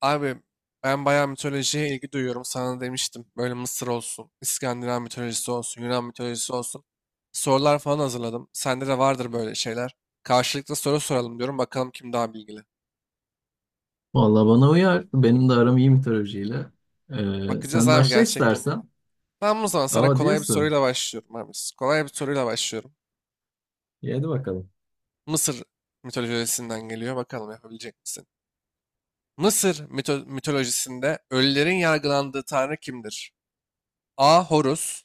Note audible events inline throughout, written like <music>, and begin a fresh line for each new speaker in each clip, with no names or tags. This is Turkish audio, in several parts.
Abi ben bayağı mitolojiye ilgi duyuyorum. Sana demiştim. Böyle Mısır olsun, İskandinav mitolojisi olsun, Yunan mitolojisi olsun. Sorular falan hazırladım. Sende de vardır böyle şeyler. Karşılıklı soru soralım diyorum. Bakalım kim daha bilgili.
Vallahi bana uyar. Benim de aram iyi mitolojiyle.
Bakacağız
Sen
abi,
başla
gerçekten değil mi?
istersen.
Tamam, o zaman sana
Aa
kolay bir
diyorsun.
soruyla başlıyorum abi. Kolay bir soruyla başlıyorum.
İyi, hadi bakalım.
Mısır mitolojisinden geliyor. Bakalım yapabilecek misin? Mısır mitolojisinde ölülerin yargılandığı tanrı kimdir? A. Horus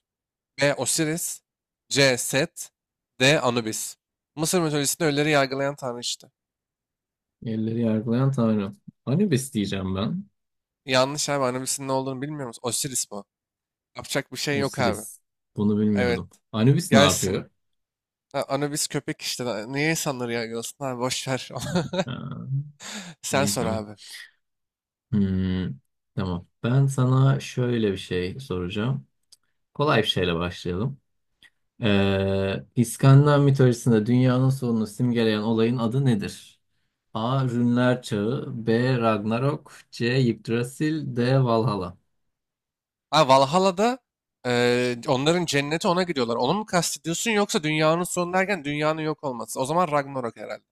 B. Osiris C. Set D. Anubis. Mısır mitolojisinde ölüleri yargılayan tanrı işte.
Yerleri yargılayan tanrı. Anubis diyeceğim ben.
Yanlış abi, Anubis'in ne olduğunu bilmiyor musun? Osiris bu. Yapacak bir şey yok abi.
Osiris. Bunu
Evet.
bilmiyordum. Anubis ne
Gelsin.
yapıyor?
Ha, Anubis köpek işte. Niye insanları yargılasın abi? Boş ver.
Ha,
<laughs> Sen
iyi
sor
tamam.
abi.
Hmm, tamam. Ben sana şöyle bir şey soracağım. Kolay bir şeyle başlayalım. İskandinav mitolojisinde dünyanın sonunu simgeleyen olayın adı nedir? A. Rünler Çağı B. Ragnarok C. Yggdrasil D. Valhalla.
Ha, Valhalla'da onların cenneti, ona gidiyorlar. Onu mu kastediyorsun, yoksa dünyanın sonu derken dünyanın yok olması? O zaman Ragnarok herhalde.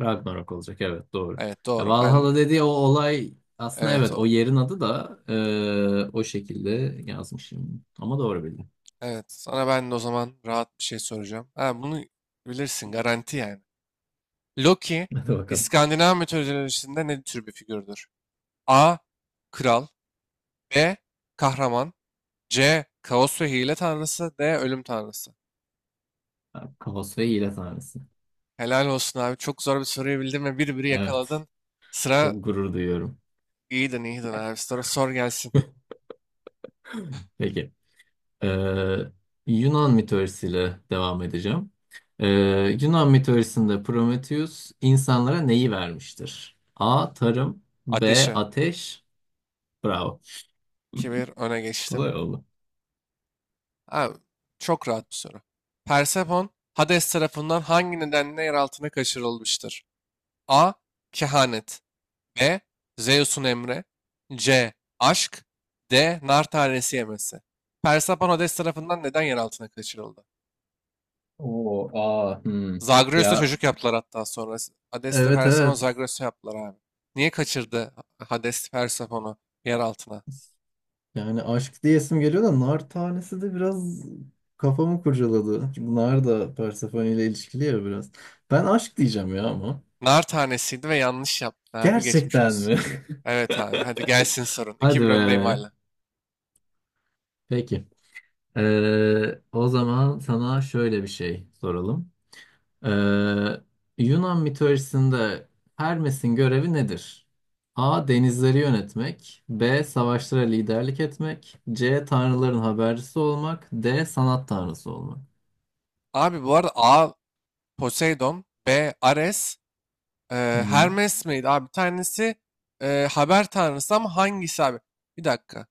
Ragnarok olacak, evet doğru.
Evet
Ya,
doğru. Ben
Valhalla
de.
dediği o olay aslında,
Evet
evet,
o-
o yerin adı da o şekilde yazmışım. Ama doğru bildim.
Evet, sana ben de o zaman rahat bir şey soracağım. Ha, bunu bilirsin, garanti yani. Loki,
<laughs> Hadi bakalım.
İskandinav mitolojisinde ne tür bir figürdür? A. Kral B. Kahraman C. Kaos ve hile tanrısı D. Ölüm tanrısı.
Kaos ve hile tanrısı.
Helal olsun abi. Çok zor bir soruyu bildin ve bir biri
Evet.
yakaladın. Sıra
Çok gurur duyuyorum.
iyiydin, iyiydin abi. Sıra sor gelsin.
<laughs> Peki. Ee, Yunan mitolojisiyle devam edeceğim. Ee, Yunan mitolojisinde Prometheus insanlara neyi vermiştir? A. Tarım B.
Ateşe.
Ateş. Bravo.
2 bir öne
<laughs>
geçtim.
Kolay oldu.
Abi, çok rahat bir soru. Persephone, Hades tarafından hangi nedenle yer altına kaçırılmıştır? A. Kehanet B. Zeus'un emri C. Aşk D. Nar tanesi yemesi. Persephone Hades tarafından neden yer altına kaçırıldı?
Oo, aa, hmm.
Zagreus'ta
Ya,
çocuk yaptılar hatta sonra. Hades'le
evet
Persephone
evet.
Zagreus'u yaptılar abi. Niye kaçırdı Hades Persephone'u yer altına?
Yani aşk diyesim geliyor da nar tanesi de biraz kafamı kurcaladı. Çünkü nar da Persephone ile ilişkili ya biraz. Ben aşk diyeceğim ya ama.
Nar tanesiydi ve yanlış yaptı abi, geçmiş
Gerçekten
olsun.
mi?
Evet abi, hadi gelsin
<laughs>
sorun. iki
Hadi
bir öndeyim
be.
hala.
Peki. O zaman sana şöyle bir şey soralım. Ee, Yunan mitolojisinde Hermes'in görevi nedir? A. Denizleri yönetmek. B. Savaşlara liderlik etmek. C. Tanrıların habercisi olmak. D. Sanat tanrısı olmak.
Abi bu arada A Poseidon, B Ares, e,
Hı-hı.
Hermes miydi abi? Bir tanesi haber tanrısı, ama hangisi abi? Bir dakika.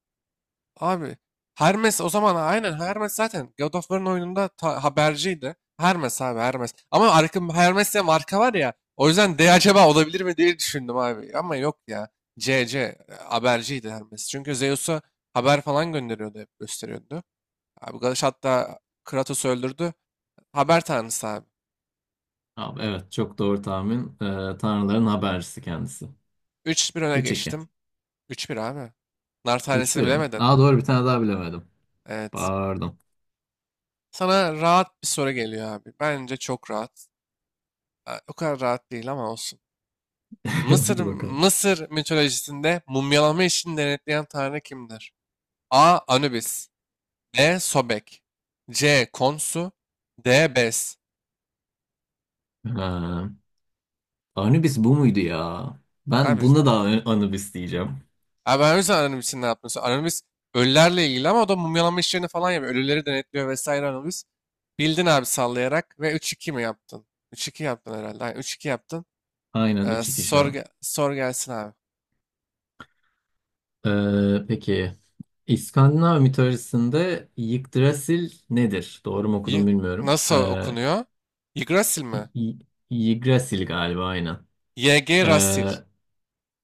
Abi Hermes o zaman, aynen Hermes zaten God of War'ın oyununda haberciydi. Hermes abi, Hermes. Ama arka, Hermes diye marka var ya. O yüzden D acaba olabilir mi diye düşündüm abi. Ama yok ya. C, C haberciydi Hermes. Çünkü Zeus'a haber falan gönderiyordu, hep gösteriyordu. Abi Galaş hatta Kratos'u öldürdü. Haber tanrısı abi.
Abi, evet çok doğru tahmin. Tanrıların habercisi kendisi.
3-1 öne
3-2.
geçtim. 3-1 abi. Nar tanesini
3-1 mi?
bilemedin.
Aa, doğru, bir
Eh,
tane daha bilemedim.
Evet.
Pardon.
Sana rahat bir soru geliyor abi. Bence çok rahat. Ha, o kadar rahat değil ama olsun.
<laughs>
Mısır,
Hadi bakalım.
Mısır mitolojisinde mumyalama işini denetleyen tanrı kimdir? A. Anubis B. Sobek C. Konsu D. Bes.
Ha. Anubis bu muydu ya? Ben
Abi
bunda da Anubis diyeceğim.
Abi ben o yüzden Anonymous ne yaptım. Anonymous ölülerle ilgili, ama o da mumyalama işlerini falan yapıyor. Ölüleri denetliyor vesaire Anonymous. Bildin abi, sallayarak, ve 3-2 mi yaptın? 3-2 yaptın herhalde. Aynen, 3-2 yaptın.
Aynen, 3-2 şu an.
Sor gelsin abi.
Peki. İskandinav mitolojisinde Yggdrasil nedir? Doğru mu okudum
Y-
bilmiyorum.
Nasıl okunuyor? Yggdrasil
Y-
mi?
Y- Yggdrasil galiba, aynen.
YG Rasil.
Ee,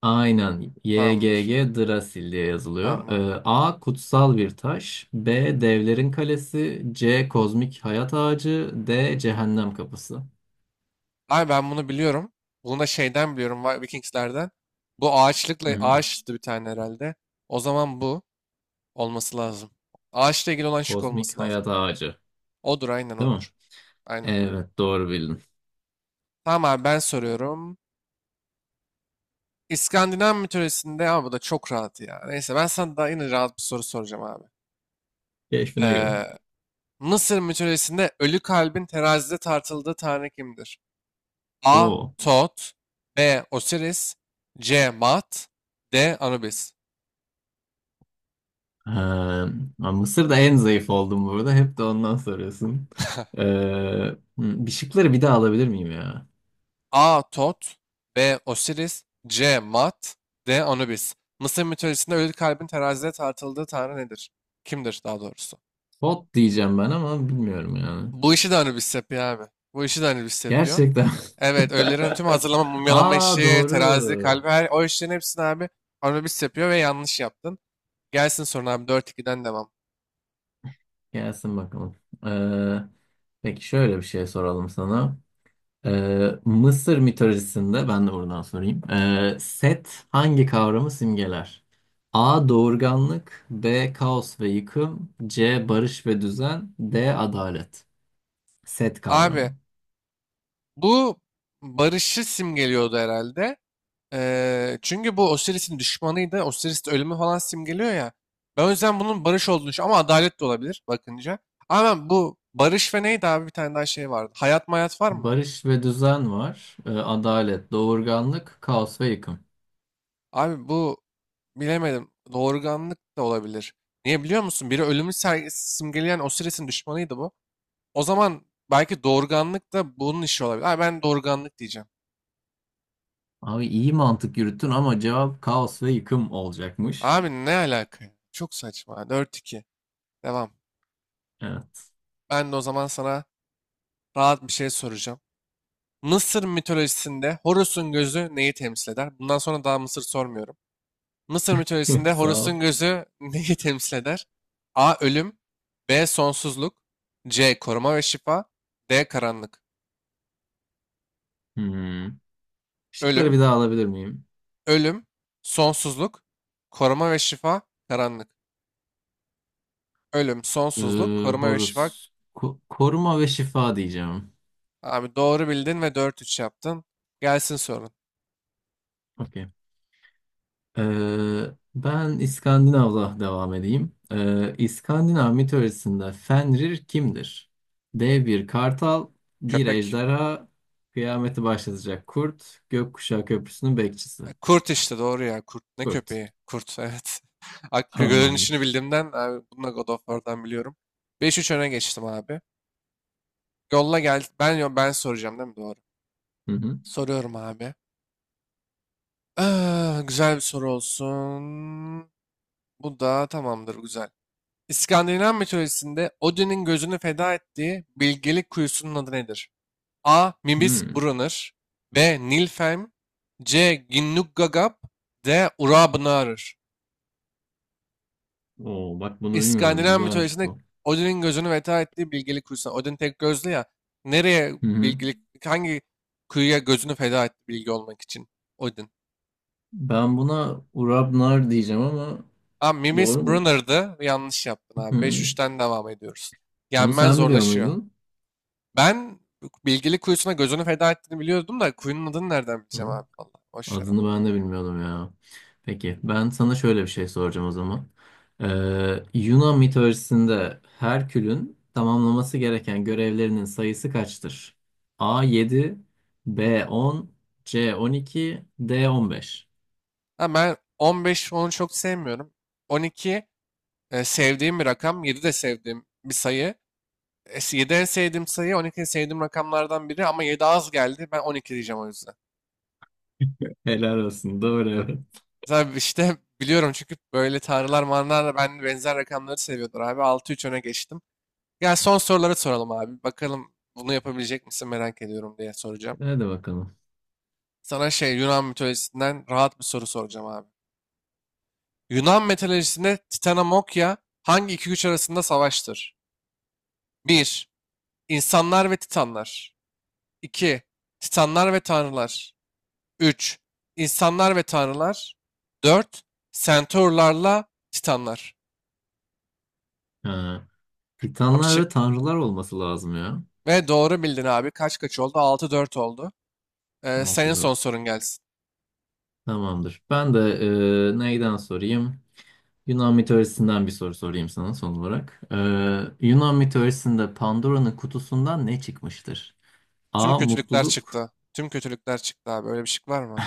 aynen. YGG
Tamamdır.
Drasil diye
Tamam
yazılıyor.
abi.
A. Kutsal bir taş. B. Devlerin kalesi. C. Kozmik hayat ağacı. D. Cehennem kapısı.
Abi ben bunu biliyorum. Bunu da şeyden biliyorum. Vikingslerden. Bu
Hı
ağaçlıkla
hı.
ağaçtı bir tane herhalde. O zaman bu olması lazım. Ağaçla ilgili olan şık olması
Kozmik
lazım.
hayat ağacı.
Odur, aynen
Değil mi?
odur. Aynen.
Evet, doğru bildin.
Tamam abi, ben soruyorum. İskandinav mitolojisinde, ama bu da çok rahat ya. Neyse, ben sana daha yine rahat bir soru soracağım abi.
Keşfine göre.
Ee, Mısır mitolojisinde ölü kalbin terazide tartıldığı tanrı kimdir? A.
Oo.
Tot B. Osiris C. Mat D. Anubis.
Ha, Mısır'da en zayıf oldum burada. Hep de ondan soruyorsun. Hı, Bir şıkları bir daha alabilir miyim ya?
A. Tot B. Osiris C. Mat D. Anubis. Mısır mitolojisinde ölü kalbin terazide tartıldığı tanrı nedir? Kimdir daha doğrusu?
Pot diyeceğim ben ama bilmiyorum yani.
Bu işi de Anubis yapıyor abi. Bu işi de Anubis yapıyor.
Gerçekten.
Evet, ölülerin tüm hazırlama,
<laughs>
mumyalama
Aa,
işi, terazi,
doğru.
kalbi, her, o işlerin hepsini abi Anubis yapıyor, ve yanlış yaptın. Gelsin sonra abi, 4-2'den devam.
Gelsin bakalım. Ee, peki, şöyle bir şey soralım sana. Mısır mitolojisinde ben de oradan sorayım. Set hangi kavramı simgeler? A. Doğurganlık B. Kaos ve yıkım C. Barış ve düzen D. Adalet. Set
Abi
kavramı.
bu barışı simgeliyordu herhalde. Çünkü bu Osiris'in düşmanıydı. Osiris de ölümü falan simgeliyor ya. Ben o yüzden bunun barış olduğunu düşünüyorum. Ama adalet de olabilir bakınca. Ama ben bu barış ve neydi abi, bir tane daha şey vardı. Hayat mayat var mı?
Barış ve düzen var. Adalet, doğurganlık, kaos ve yıkım.
Abi bu bilemedim. Doğurganlık da olabilir. Niye biliyor musun? Biri ölümü simgeleyen Osiris'in düşmanıydı bu. O zaman belki doğurganlık da bunun işi olabilir. Abi ben doğurganlık diyeceğim.
Abi iyi mantık yürüttün ama cevap kaos ve yıkım olacakmış.
Abi ne alaka ya? Çok saçma. 4-2. Devam.
Evet.
Ben de o zaman sana rahat bir şey soracağım. Mısır mitolojisinde Horus'un gözü neyi temsil eder? Bundan sonra daha Mısır sormuyorum. Mısır
<laughs>
mitolojisinde
Sağ ol.
Horus'un gözü <laughs> neyi temsil eder? A. Ölüm B. Sonsuzluk C. Koruma ve şifa D. Karanlık.
Hmm. Şıkları
Ölüm.
bir daha alabilir miyim?
Ölüm. Sonsuzluk. Koruma ve şifa. Karanlık. Ölüm,
Ee,
Sonsuzluk, Koruma ve şifa.
Horus. Koruma ve şifa diyeceğim.
Abi doğru bildin ve 4-3 yaptın. Gelsin sorun.
Okey. Ben İskandinav'la devam edeyim. İskandinav mitolojisinde Fenrir kimdir? Dev bir kartal, bir
Köpek.
ejderha, kıyameti başlatacak kurt, gökkuşağı köprüsünün bekçisi.
Kurt işte, doğru ya. Kurt, ne
Kurt.
köpeği? Kurt, evet. <laughs> Hakkı görünüşünü
Tamamdır.
bildiğimden abi, bunu da God of War'dan biliyorum. 5-3 öne geçtim abi. Yolla, gel. Ben soracağım değil mi? Doğru.
Hı hı.
Soruyorum abi. Ah, güzel bir soru olsun. Bu da tamamdır, güzel. İskandinav mitolojisinde Odin'in gözünü feda ettiği bilgelik kuyusunun adı nedir? A.
Hmm.
Mimsbrunner B. Nilfheim C. Ginnungagap D. Urabnarır.
Oo, bak, bunu bilmiyorum.
İskandinav
Güzelmiş
mitolojisinde
bu.
Odin'in gözünü feda ettiği bilgelik kuyusu. Odin tek gözlü ya. Nereye,
Hı hı.
bilgelik, hangi kuyuya gözünü feda etti bilgi olmak için? Odin.
Ben buna Urabnar diyeceğim ama,
Abi Mimis
doğru mu?
Brunner'dı. Yanlış yaptın
Hı
abi. beş
hı.
3ten devam ediyoruz.
Bunu
Yenmen
sen biliyor
zorlaşıyor.
muydun?
Ben bilgili kuyusuna gözünü feda ettiğini biliyordum da kuyunun adını nereden bileceğim
Hı.
abi, valla. Boş ver onu.
Adını ben de bilmiyordum ya. Peki, ben sana şöyle bir şey soracağım o zaman. Yunan mitolojisinde Herkül'ün tamamlaması gereken görevlerinin sayısı kaçtır? A 7, B 10, C 12, D 15.
Ha, ben 15 onu çok sevmiyorum. 12 sevdiğim bir rakam. Yedi de sevdiğim bir sayı. 7 en sevdiğim sayı, 12 en sevdiğim rakamlardan biri, ama 7 az geldi. Ben 12 diyeceğim o yüzden.
Helal olsun. Doğru, evet.
Zaten işte biliyorum çünkü böyle tanrılar manlar da ben benzer rakamları seviyordur abi. 6-3 öne geçtim. Ya, son soruları soralım abi. Bakalım bunu yapabilecek misin merak ediyorum diye soracağım.
Hadi bakalım.
Sana şey Yunan mitolojisinden rahat bir soru soracağım abi. Yunan mitolojisinde Titanamokya hangi iki güç arasında savaştır? 1. İnsanlar ve Titanlar. 2. Titanlar ve Tanrılar. 3. İnsanlar ve Tanrılar. 4. Centaurlarla Titanlar.
Ha,
Abi
Titanlar ve
çıktı.
tanrılar olması lazım ya.
Ve doğru bildin abi. Kaç kaç oldu? 6-4 oldu. Senin
Altı
son
dört.
sorun gelsin.
Tamamdır. Ben de neyden sorayım? Yunan mitolojisinden bir soru sorayım sana son olarak. Yunan mitolojisinde Pandora'nın kutusundan ne çıkmıştır?
Tüm
A.
kötülükler
Mutluluk.
çıktı. Tüm kötülükler çıktı abi. Öyle bir şey var mı?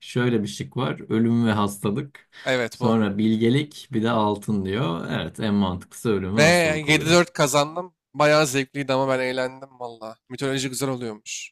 Şöyle bir şık var. Ölüm ve hastalık.
Evet bu.
Sonra bilgelik, bir de altın diyor. Evet, en mantıklısı ölüm
Ve
ve hastalık oluyor.
7-4 kazandım. Bayağı zevkliydi, ama ben eğlendim valla. Mitoloji güzel oluyormuş.